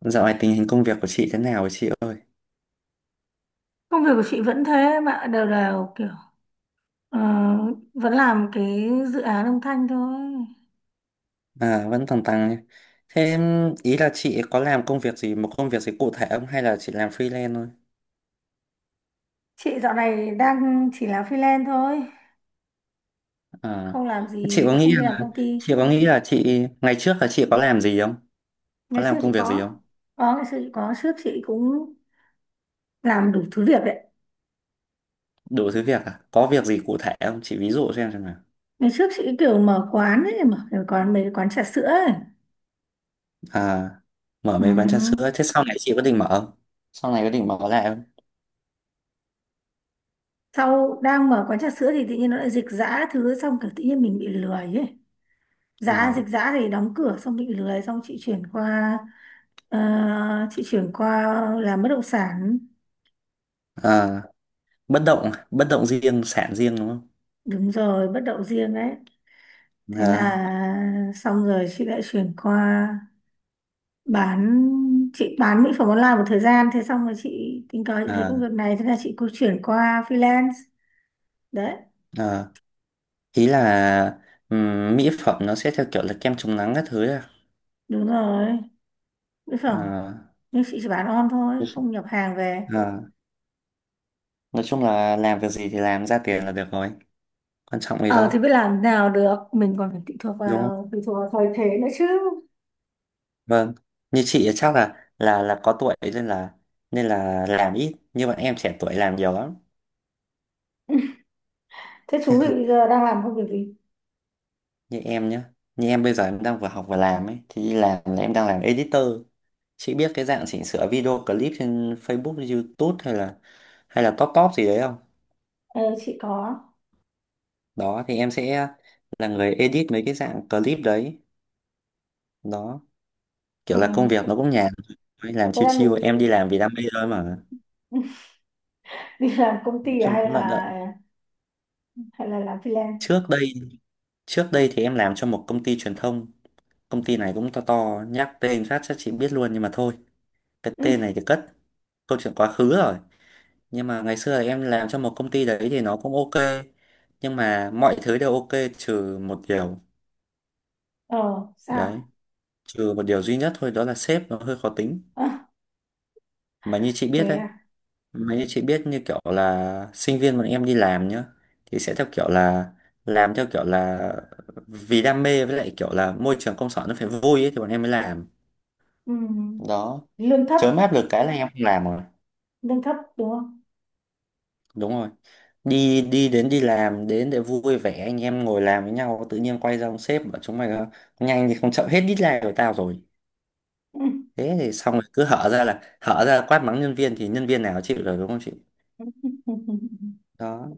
Dạo này tình hình công việc của chị thế nào rồi chị ơi? Công việc của chị vẫn thế mà đều đều kiểu ờ, vẫn làm cái dự án âm thanh thôi. À, vẫn tăng tăng nhé. Thế ý là chị có làm công việc gì, một công việc gì cụ thể không hay là chị làm freelance thôi? Chị dạo này đang chỉ làm freelance thôi, À, không làm thế chị gì, có nghĩ không đi làm là công chị ty. có nghĩ là chị ngày trước là chị có làm gì không? Có Ngày xưa làm công chị việc gì có, không? trước chị cũng làm đủ thứ việc đấy. Đủ thứ việc à? Có việc gì cụ thể không? Chị ví dụ xem nào. Ngày trước chị kiểu mở quán ấy, mở cái quán mấy cái quán trà sữa ấy. À, mở Ừ. mấy quán trà sữa. Thế sau này chị có định mở không? Sau này có định mở lại không? Sau đang mở quán trà sữa thì tự nhiên nó lại dịch giã thứ xong kiểu tự nhiên mình bị lười ấy. Dã À, dịch dã thì đóng cửa xong bị lười xong chị chuyển qua, ờ, chị chuyển qua làm bất động sản. à, bất động riêng, sản riêng đúng không? Đúng rồi, bất động riêng đấy. Thế là À, xong rồi chị lại chuyển qua bán, chị bán mỹ phẩm online một thời gian. Thế xong rồi chị tình cờ chị thấy à, công việc này, thế là chị cũng chuyển qua freelance đấy. à. Ý là mỹ phẩm nó sẽ theo kiểu là kem chống nắng các thứ à? Đúng rồi, mỹ phẩm, Ờ, nhưng chị chỉ bán on thôi, nói chung không nhập hàng về. ờ, nói chung là làm việc gì thì làm ra tiền là được rồi, quan trọng gì Ờ thì đâu, biết làm nào được, mình còn phải tùy thuộc đúng không? vào tùy thuộc vào thời thế nữa chứ. Vâng, như chị thì chắc là có tuổi nên là làm ít, như bọn em trẻ tuổi làm nhiều lắm. Thế chú bị bây giờ đang làm công việc gì? Như em nhá, như em bây giờ em đang vừa học vừa làm ấy, thì đi làm là em đang làm editor. Chị biết cái dạng chỉnh sửa video clip trên Facebook, YouTube hay là top top gì đấy không? Ờ, chị có. Đó thì em sẽ là người edit mấy cái dạng clip đấy. Đó, Ừ, kiểu là công thế, việc nó cũng nhàn thôi, làm thế chill là mình chill, em đi làm vì đam mê thôi mà. đi làm công Nói ty à? chung Hay cũng lận là đận, hay là làm freelance? trước đây trước đây thì em làm cho một công ty truyền thông. Công ty này cũng to to, nhắc tên phát chắc chị biết luôn nhưng mà thôi, cái Ừ. tên này thì cất, câu chuyện quá khứ rồi. Nhưng mà ngày xưa thì em làm cho một công ty đấy thì nó cũng ok, nhưng mà mọi thứ đều ok, trừ một điều. Ờ, sao? Đấy, trừ một điều duy nhất thôi, đó là sếp nó hơi khó tính. Ờ, Mà như chị thế biết đấy, à? mấy chị biết như kiểu là sinh viên bọn em đi làm nhá, thì sẽ theo kiểu là, làm theo kiểu là vì đam mê, với lại kiểu là môi trường công sở nó phải vui ấy thì bọn em mới làm. Ừ. Đó, Lương thấp, chớ áp lực cái là em không làm rồi. lương thấp đúng không? Đúng rồi. Đi đi đến đi làm đến để vui vẻ, anh em ngồi làm với nhau tự nhiên quay ra ông sếp bảo chúng mày nhanh thì không, chậm hết deadline của tao rồi. Ừ. Thế thì xong rồi, cứ hở ra là hở ra quát mắng nhân viên, thì nhân viên nào chịu được, đúng không chị? Đó,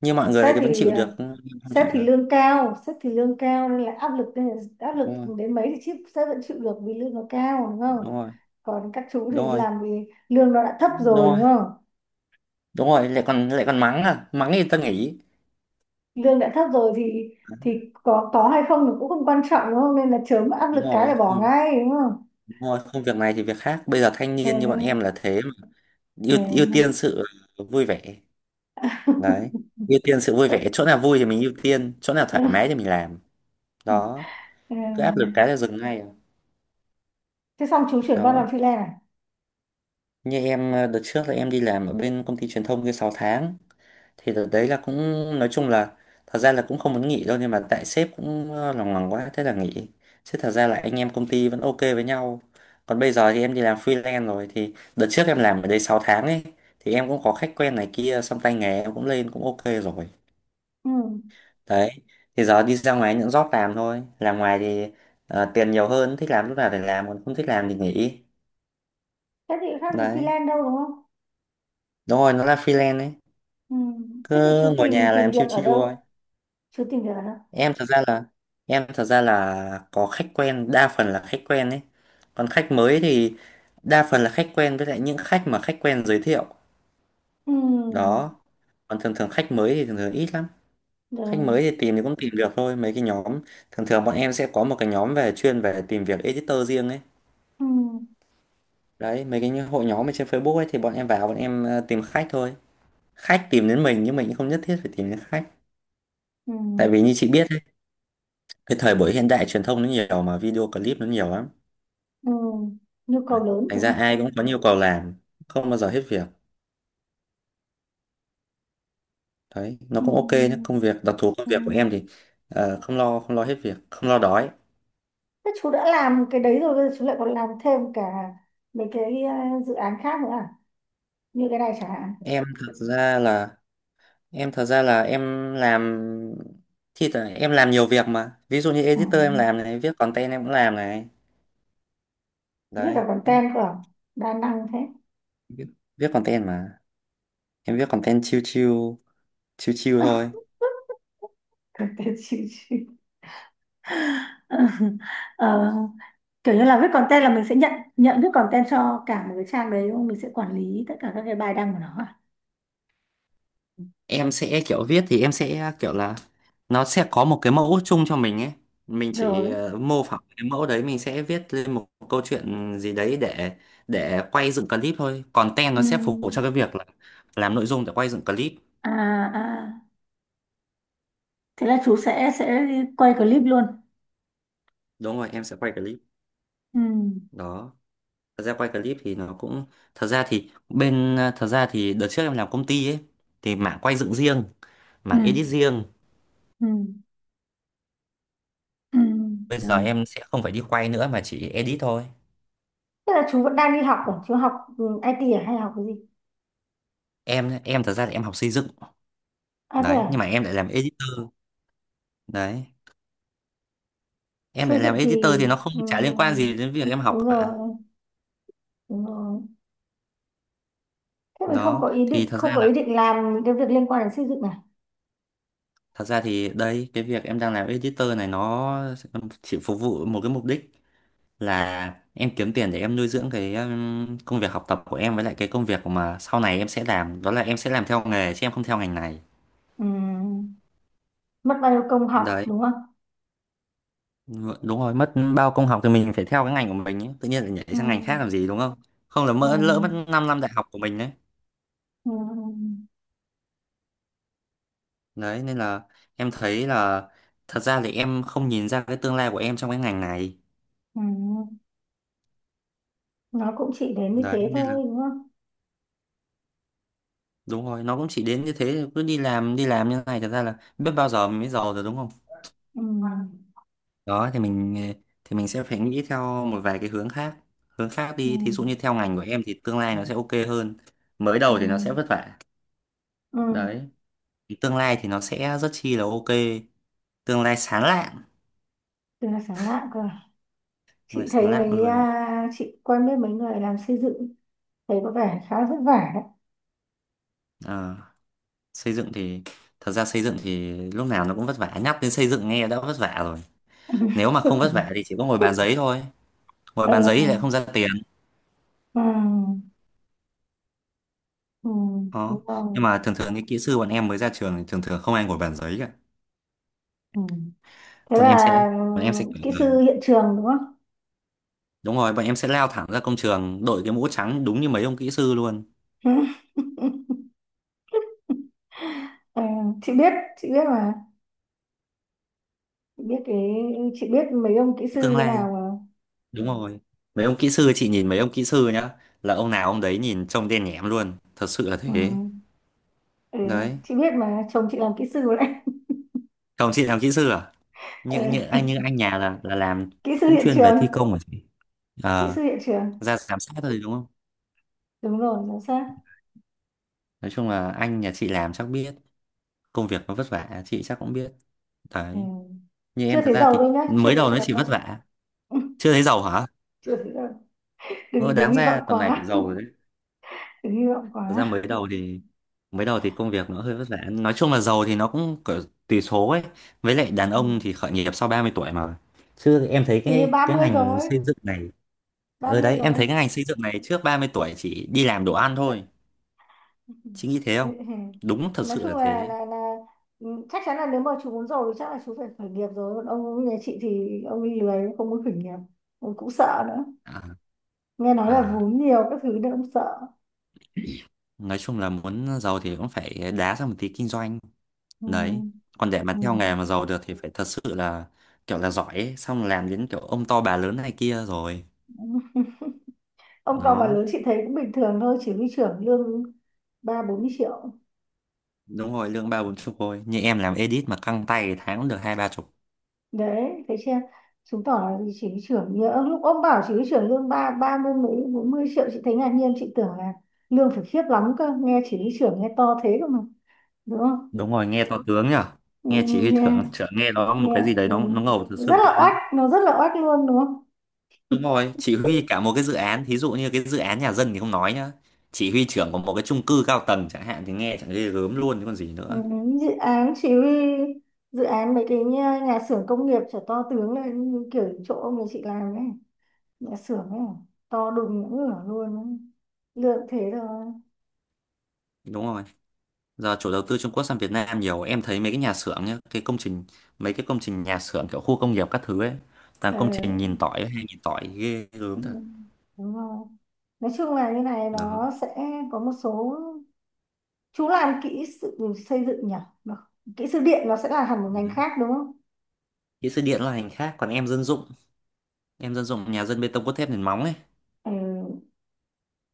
như mọi người Sếp thì vẫn thì chịu được nhưng em không sếp chịu thì được. lương cao, sếp thì lương cao nên là áp lực nên là áp lực Đúng rồi, đến mấy thì chip sếp vẫn chịu được vì lương nó cao đúng không? đúng rồi. Còn các chú Đúng thì rồi, làm vì lương nó đã thấp đúng rồi rồi, đúng không? đúng rồi lại còn mắng, à mắng thì ta nghỉ. Lương đã thấp rồi thì có hay không thì cũng không quan trọng đúng không, nên là chớm áp Đúng lực cái là rồi, bỏ không, ngay đúng không. đúng rồi, không, việc này thì việc khác, bây giờ thanh Ừ, niên như bọn em là thế mà. ừ. Ưu ưu tiên sự vui vẻ. Đấy, ưu tiên sự vui Ừ. vẻ, chỗ nào vui thì mình ưu tiên, chỗ nào thoải mái thì mình làm. Đó, cứ áp lực cái là dừng ngay à. Thế xong chú chuyển con làm Đó, freelance à? như em đợt trước là em đi làm ở bên công ty truyền thông kia 6 tháng, thì đợt đấy là cũng, nói chung là, thật ra là cũng không muốn nghỉ đâu nhưng mà tại sếp cũng lòng lòng quá thế là nghỉ, chứ thật ra là anh em công ty vẫn ok với nhau. Còn bây giờ thì em đi làm freelance rồi, thì đợt trước em làm ở đây 6 tháng ấy, thì em cũng có khách quen này kia, xong tay nghề em cũng lên, cũng ok rồi. Ừ. Đấy, thì giờ đi ra ngoài những job làm thôi, làm ngoài thì tiền nhiều hơn, thích làm lúc nào thì làm, còn không thích làm thì nghỉ. Thế thì khác gì Đấy, freelance đâu đúng không? đúng rồi, nó là freelance ấy, Ừ. Thế thì cứ chú ngồi tìm nhà tìm làm việc chill ở chill. đâu? Chú tìm việc ở đâu? Em thật ra là em thật ra là có khách quen, đa phần là khách quen ấy, còn khách mới thì đa phần là khách quen với lại những khách mà khách quen giới thiệu. Ừ. Đó, còn thường thường khách mới thì thường thường ít lắm. Khách Rồi. mới thì tìm thì cũng tìm được thôi mấy cái nhóm, thường thường bọn em sẽ có một cái nhóm về chuyên về tìm việc editor riêng ấy. Ừ. Đấy, mấy cái hội nhóm ở trên Facebook ấy thì bọn em vào, bọn em tìm khách thôi. Khách tìm đến mình, nhưng mình cũng không nhất thiết phải tìm đến khách, Ừ. tại vì như chị biết ấy, cái thời buổi hiện đại truyền thông nó nhiều mà, video clip nó nhiều lắm, Ừ. Nhu cầu lớn thành đúng ra không? ai cũng có nhiều cầu làm, không bao giờ hết việc. Đấy, nó Ừ. cũng ok nhé, công việc đặc thù, công Ừ. việc của em thì không lo, không lo hết việc, không lo đói. Thế chú đã làm cái đấy rồi, bây giờ chú lại còn làm thêm cả mấy cái dự án khác nữa à? Như cái này chẳng hạn. Em thật ra là em thật ra là em làm, thì là em làm nhiều việc mà, ví dụ như Ừ. editor em làm này, viết content em cũng làm này. Viết Đấy, cả content cơ à? Đa năng thế. viết, viết content mà, em viết content chill chill, chill chill thôi. Content chịu chịu. Ờ, kiểu như là viết content là mình sẽ nhận, nhận viết content cho cả một cái trang đấy đúng không? Mình sẽ quản lý tất cả các cái bài đăng của nó à? Em sẽ kiểu viết thì Em sẽ kiểu là nó sẽ có một cái mẫu chung cho mình ấy, mình Rồi. chỉ mô phỏng cái mẫu đấy, mình sẽ viết lên một câu chuyện gì đấy để quay dựng clip thôi. Content nó sẽ phục vụ Ừm. cho cái việc là làm nội dung để quay dựng clip. À, à. Thế là chú sẽ quay clip luôn. Đúng rồi, em sẽ quay clip. Ừ. Đó, thật ra quay clip thì nó cũng, thật ra thì đợt trước em làm công ty ấy thì mảng quay dựng riêng, Ừ. mảng edit riêng. Ừ. Ừ. Bây giờ Rồi. em sẽ không phải đi quay nữa mà chỉ edit thôi. Thế là chú vẫn đang đi học ở chú học ừ, IT à, hay học cái gì? Em thật ra thì em học xây dựng. À thế Đấy, à, nhưng mà em lại làm editor. Đấy, em xây lại làm dựng thì editor thì nó không, chả liên quan gì ừm, đến việc em học đúng cả. rồi, đúng rồi. Thế mình không Đó có ý thì định thật ra không có là, ý định làm những cái việc liên quan đến xây dựng này. thật ra thì đây, cái việc em đang làm editor này nó chỉ phục vụ một cái mục đích, là em kiếm tiền để em nuôi dưỡng cái công việc học tập của em, với lại cái công việc mà sau này em sẽ làm, đó là em sẽ làm theo nghề chứ em không theo ngành này. Ừm, mất bao nhiêu công học Đấy, đúng không? đúng rồi, mất bao công học thì mình phải theo cái ngành của mình ấy, tự nhiên lại nhảy sang ngành khác Ừm, làm gì, đúng không? Không là mỡ ừm, mất 5 năm đại học của mình đấy. ừm, Đấy nên là, em thấy là, thật ra thì em không nhìn ra cái tương lai của em trong cái ngành này. ừm. Nó cũng chỉ đến như Đấy thế nên là, thôi đúng không? đúng rồi, nó cũng chỉ đến như thế, cứ đi làm như thế này thật ra là biết bao giờ mình mới giàu rồi, đúng không? Ừm, Đó thì mình, thì mình sẽ phải nghĩ theo một vài cái hướng khác đi, thí dụ như ừm, theo ngành của em thì tương lai nó sẽ ok hơn. Mới đầu thì nó sẽ ừm, vất vả. ừm. Đấy. Tương lai thì nó sẽ rất chi là ok, tương lai sáng lạng, Từ là sáng lạ cơ. À? tương lai Chị thấy sáng lạng mấy luôn. à, chị quen biết mấy người làm xây dựng, thấy có vẻ khá là vất vả. Đấy, xây dựng thì, thật ra xây dựng thì lúc nào nó cũng vất vả, nhắc đến xây dựng nghe đã vất vả rồi. Nếu mà không vất vả Ừ. thì chỉ có ngồi bàn giấy thôi, ngồi Ừ. bàn giấy thì lại không ra tiền. Ừ. Đúng Đó, rồi. nhưng mà thường thường những kỹ sư bọn em mới ra trường thì thường thường không ai ngồi bàn giấy cả. Ừ. Thế bọn em là sẽ bọn em sẽ ừ, kiểu kỹ là- sư hiện trường đúng không? Đúng rồi, bọn em sẽ lao thẳng ra công trường, đội cái mũ trắng đúng như mấy ông kỹ sư luôn. Ờ, chị biết mà. Chị biết cái, chị biết mấy ông kỹ sư Tương như lai, nào mà. đúng rồi, mấy ông kỹ sư, chị nhìn mấy ông kỹ sư nhá, là ông nào ông đấy nhìn trông đen nhẻm luôn, thật sự là Ừ. thế. Ừ. Đấy, Chị biết mà chồng chị làm kỹ sư đấy. chồng chị làm kỹ sư à? như Ừ. như anh như anh nhà là làm Kỹ sư cũng hiện chuyên về trường, thi công hả chị? kỹ Ờ, sư hiện trường. ra giám sát thôi đúng không? Đúng rồi, giám sát. Nói chung là anh nhà chị làm chắc biết, công việc nó vất vả chị chắc cũng biết. Ừ. Đấy, như Chưa em thật thấy ra giàu thì đâu nhá, chưa mới thấy đầu nó giàu chỉ đâu. vất vả. Chưa thấy giàu hả? Chưa thấy giàu. Ờ, Đừng đừng Đáng hy vọng ra tầm này phải quá, giàu rồi đấy. đừng hy vọng Thật ra quá. mới đầu thì, mới đầu thì công việc nó hơi vất vả, nói chung là giàu thì nó cũng kiểu, tùy số ấy. Với lại đàn Ừ. ông thì khởi nghiệp sau 30 tuổi mà, chứ em thấy Thì cái ba cái mươi ngành rồi. xây dựng này, Ba ở mươi đấy em rồi. thấy cái ngành xây dựng này trước 30 tuổi chỉ đi làm đồ ăn thôi. Chị nghĩ thế không? Đúng thật Nói sự chung là là thế. là ừ, chắc chắn là nếu mà chú muốn giàu thì chắc là chú phải khởi nghiệp rồi, còn ông như nhà chị thì ông đi lười, ông không muốn khởi nghiệp, ông cũng sợ nữa, À, nghe nói là à, vốn nhiều các thứ nên ông sợ. nói chung là muốn giàu thì cũng phải đá ra một tí kinh doanh. Ừ. Đấy. Còn để mà Ừ. theo nghề mà giàu được thì phải thật sự là kiểu là giỏi ấy. Xong làm đến kiểu ông to bà lớn này kia rồi. Ông to bà Đó. lớn chị thấy cũng bình thường thôi, chỉ huy trưởng lương ba bốn mươi triệu. Đúng rồi, lương ba bốn chục thôi. Như em làm edit mà căng tay tháng cũng được hai ba chục. Đấy thấy chưa, chứng tỏ là chị cái trưởng nhớ lúc ông bảo chỉ cái trưởng lương ba ba mươi mấy bốn mươi triệu, chị thấy ngạc nhiên, chị tưởng là lương phải khiếp lắm cơ, nghe chỉ cái trưởng nghe to thế cơ mà, đúng không. Đúng rồi, nghe to tướng nhở. Ừ, Nghe ừ, chỉ huy nghe thưởng trưởng, nghe nó một cái nghe gì đấy ừ. nó ngầu thật Rất sự là đấy. oách, nó rất là oách luôn đúng không. Đúng rồi, chỉ huy cả một cái dự án, thí dụ như cái dự án nhà dân thì không nói nhá. Chỉ huy trưởng của một cái chung cư cao tầng chẳng hạn thì nghe chẳng ghê gớm luôn, chứ còn gì Ừ, nữa. ừ. Dự án chỉ huy, dự án mấy cái nhà, nhà xưởng công nghiệp trở to tướng lên như kiểu chỗ ông nhà chị làm ấy, nhà xưởng ấy, to đùng ngửa luôn ấy. Lương thế rồi. Đúng rồi. Giờ chủ đầu tư Trung Quốc sang Việt Nam nhiều, em thấy mấy cái nhà xưởng nhá, cái công trình, mấy cái công trình nhà xưởng kiểu khu công nghiệp các thứ ấy, toàn Ờ, công trình nhìn tỏi, hay nhìn tỏi ghê ừ, gớm thật. đúng rồi. Nói chung là như này Đó. nó sẽ có một số chú làm kỹ sự xây dựng nhỉ. Được. Kỹ sư điện nó sẽ là hẳn một ngành Đấy. khác đúng không. Kỹ sư điện là ngành khác, còn em dân dụng nhà dân bê tông cốt thép nền móng ấy. Ừ,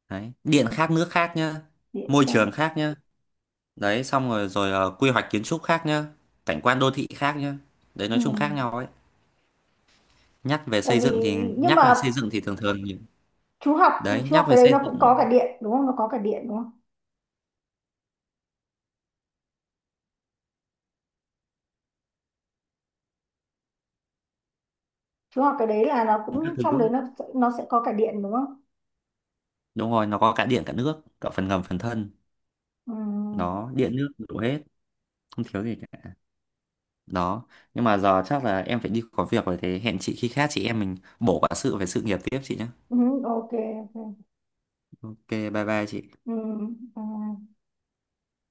Đấy. Điện khác, nước khác nhá, điện môi khác. trường khác nhá. Đấy, xong rồi rồi ờ, quy hoạch kiến trúc khác nhá, cảnh quan đô thị khác nhá. Đấy, nói Ừ. chung khác nhau ấy. Nhắc về Tại xây vì dựng thì, nhưng mà thường thường những- chú học từ đấy, chú học nhắc về cái đấy xây nó cũng dựng có cả điện đúng không, nó có cả điện đúng không, chú học cái đấy là nó các cũng trong đấy thứ, nó sẽ có cả điện đúng không. đúng rồi, nó có cả điện cả nước, cả phần ngầm phần thân, Ừ. nó điện nước đủ hết, không thiếu gì cả. Đó, nhưng mà giờ chắc là em phải đi có việc rồi, thế hẹn chị khi khác, chị em mình bổ quả sự về sự nghiệp tiếp chị nhé. Ừ, ok, ok. Ok, bye bye chị. Ừ. Ừ.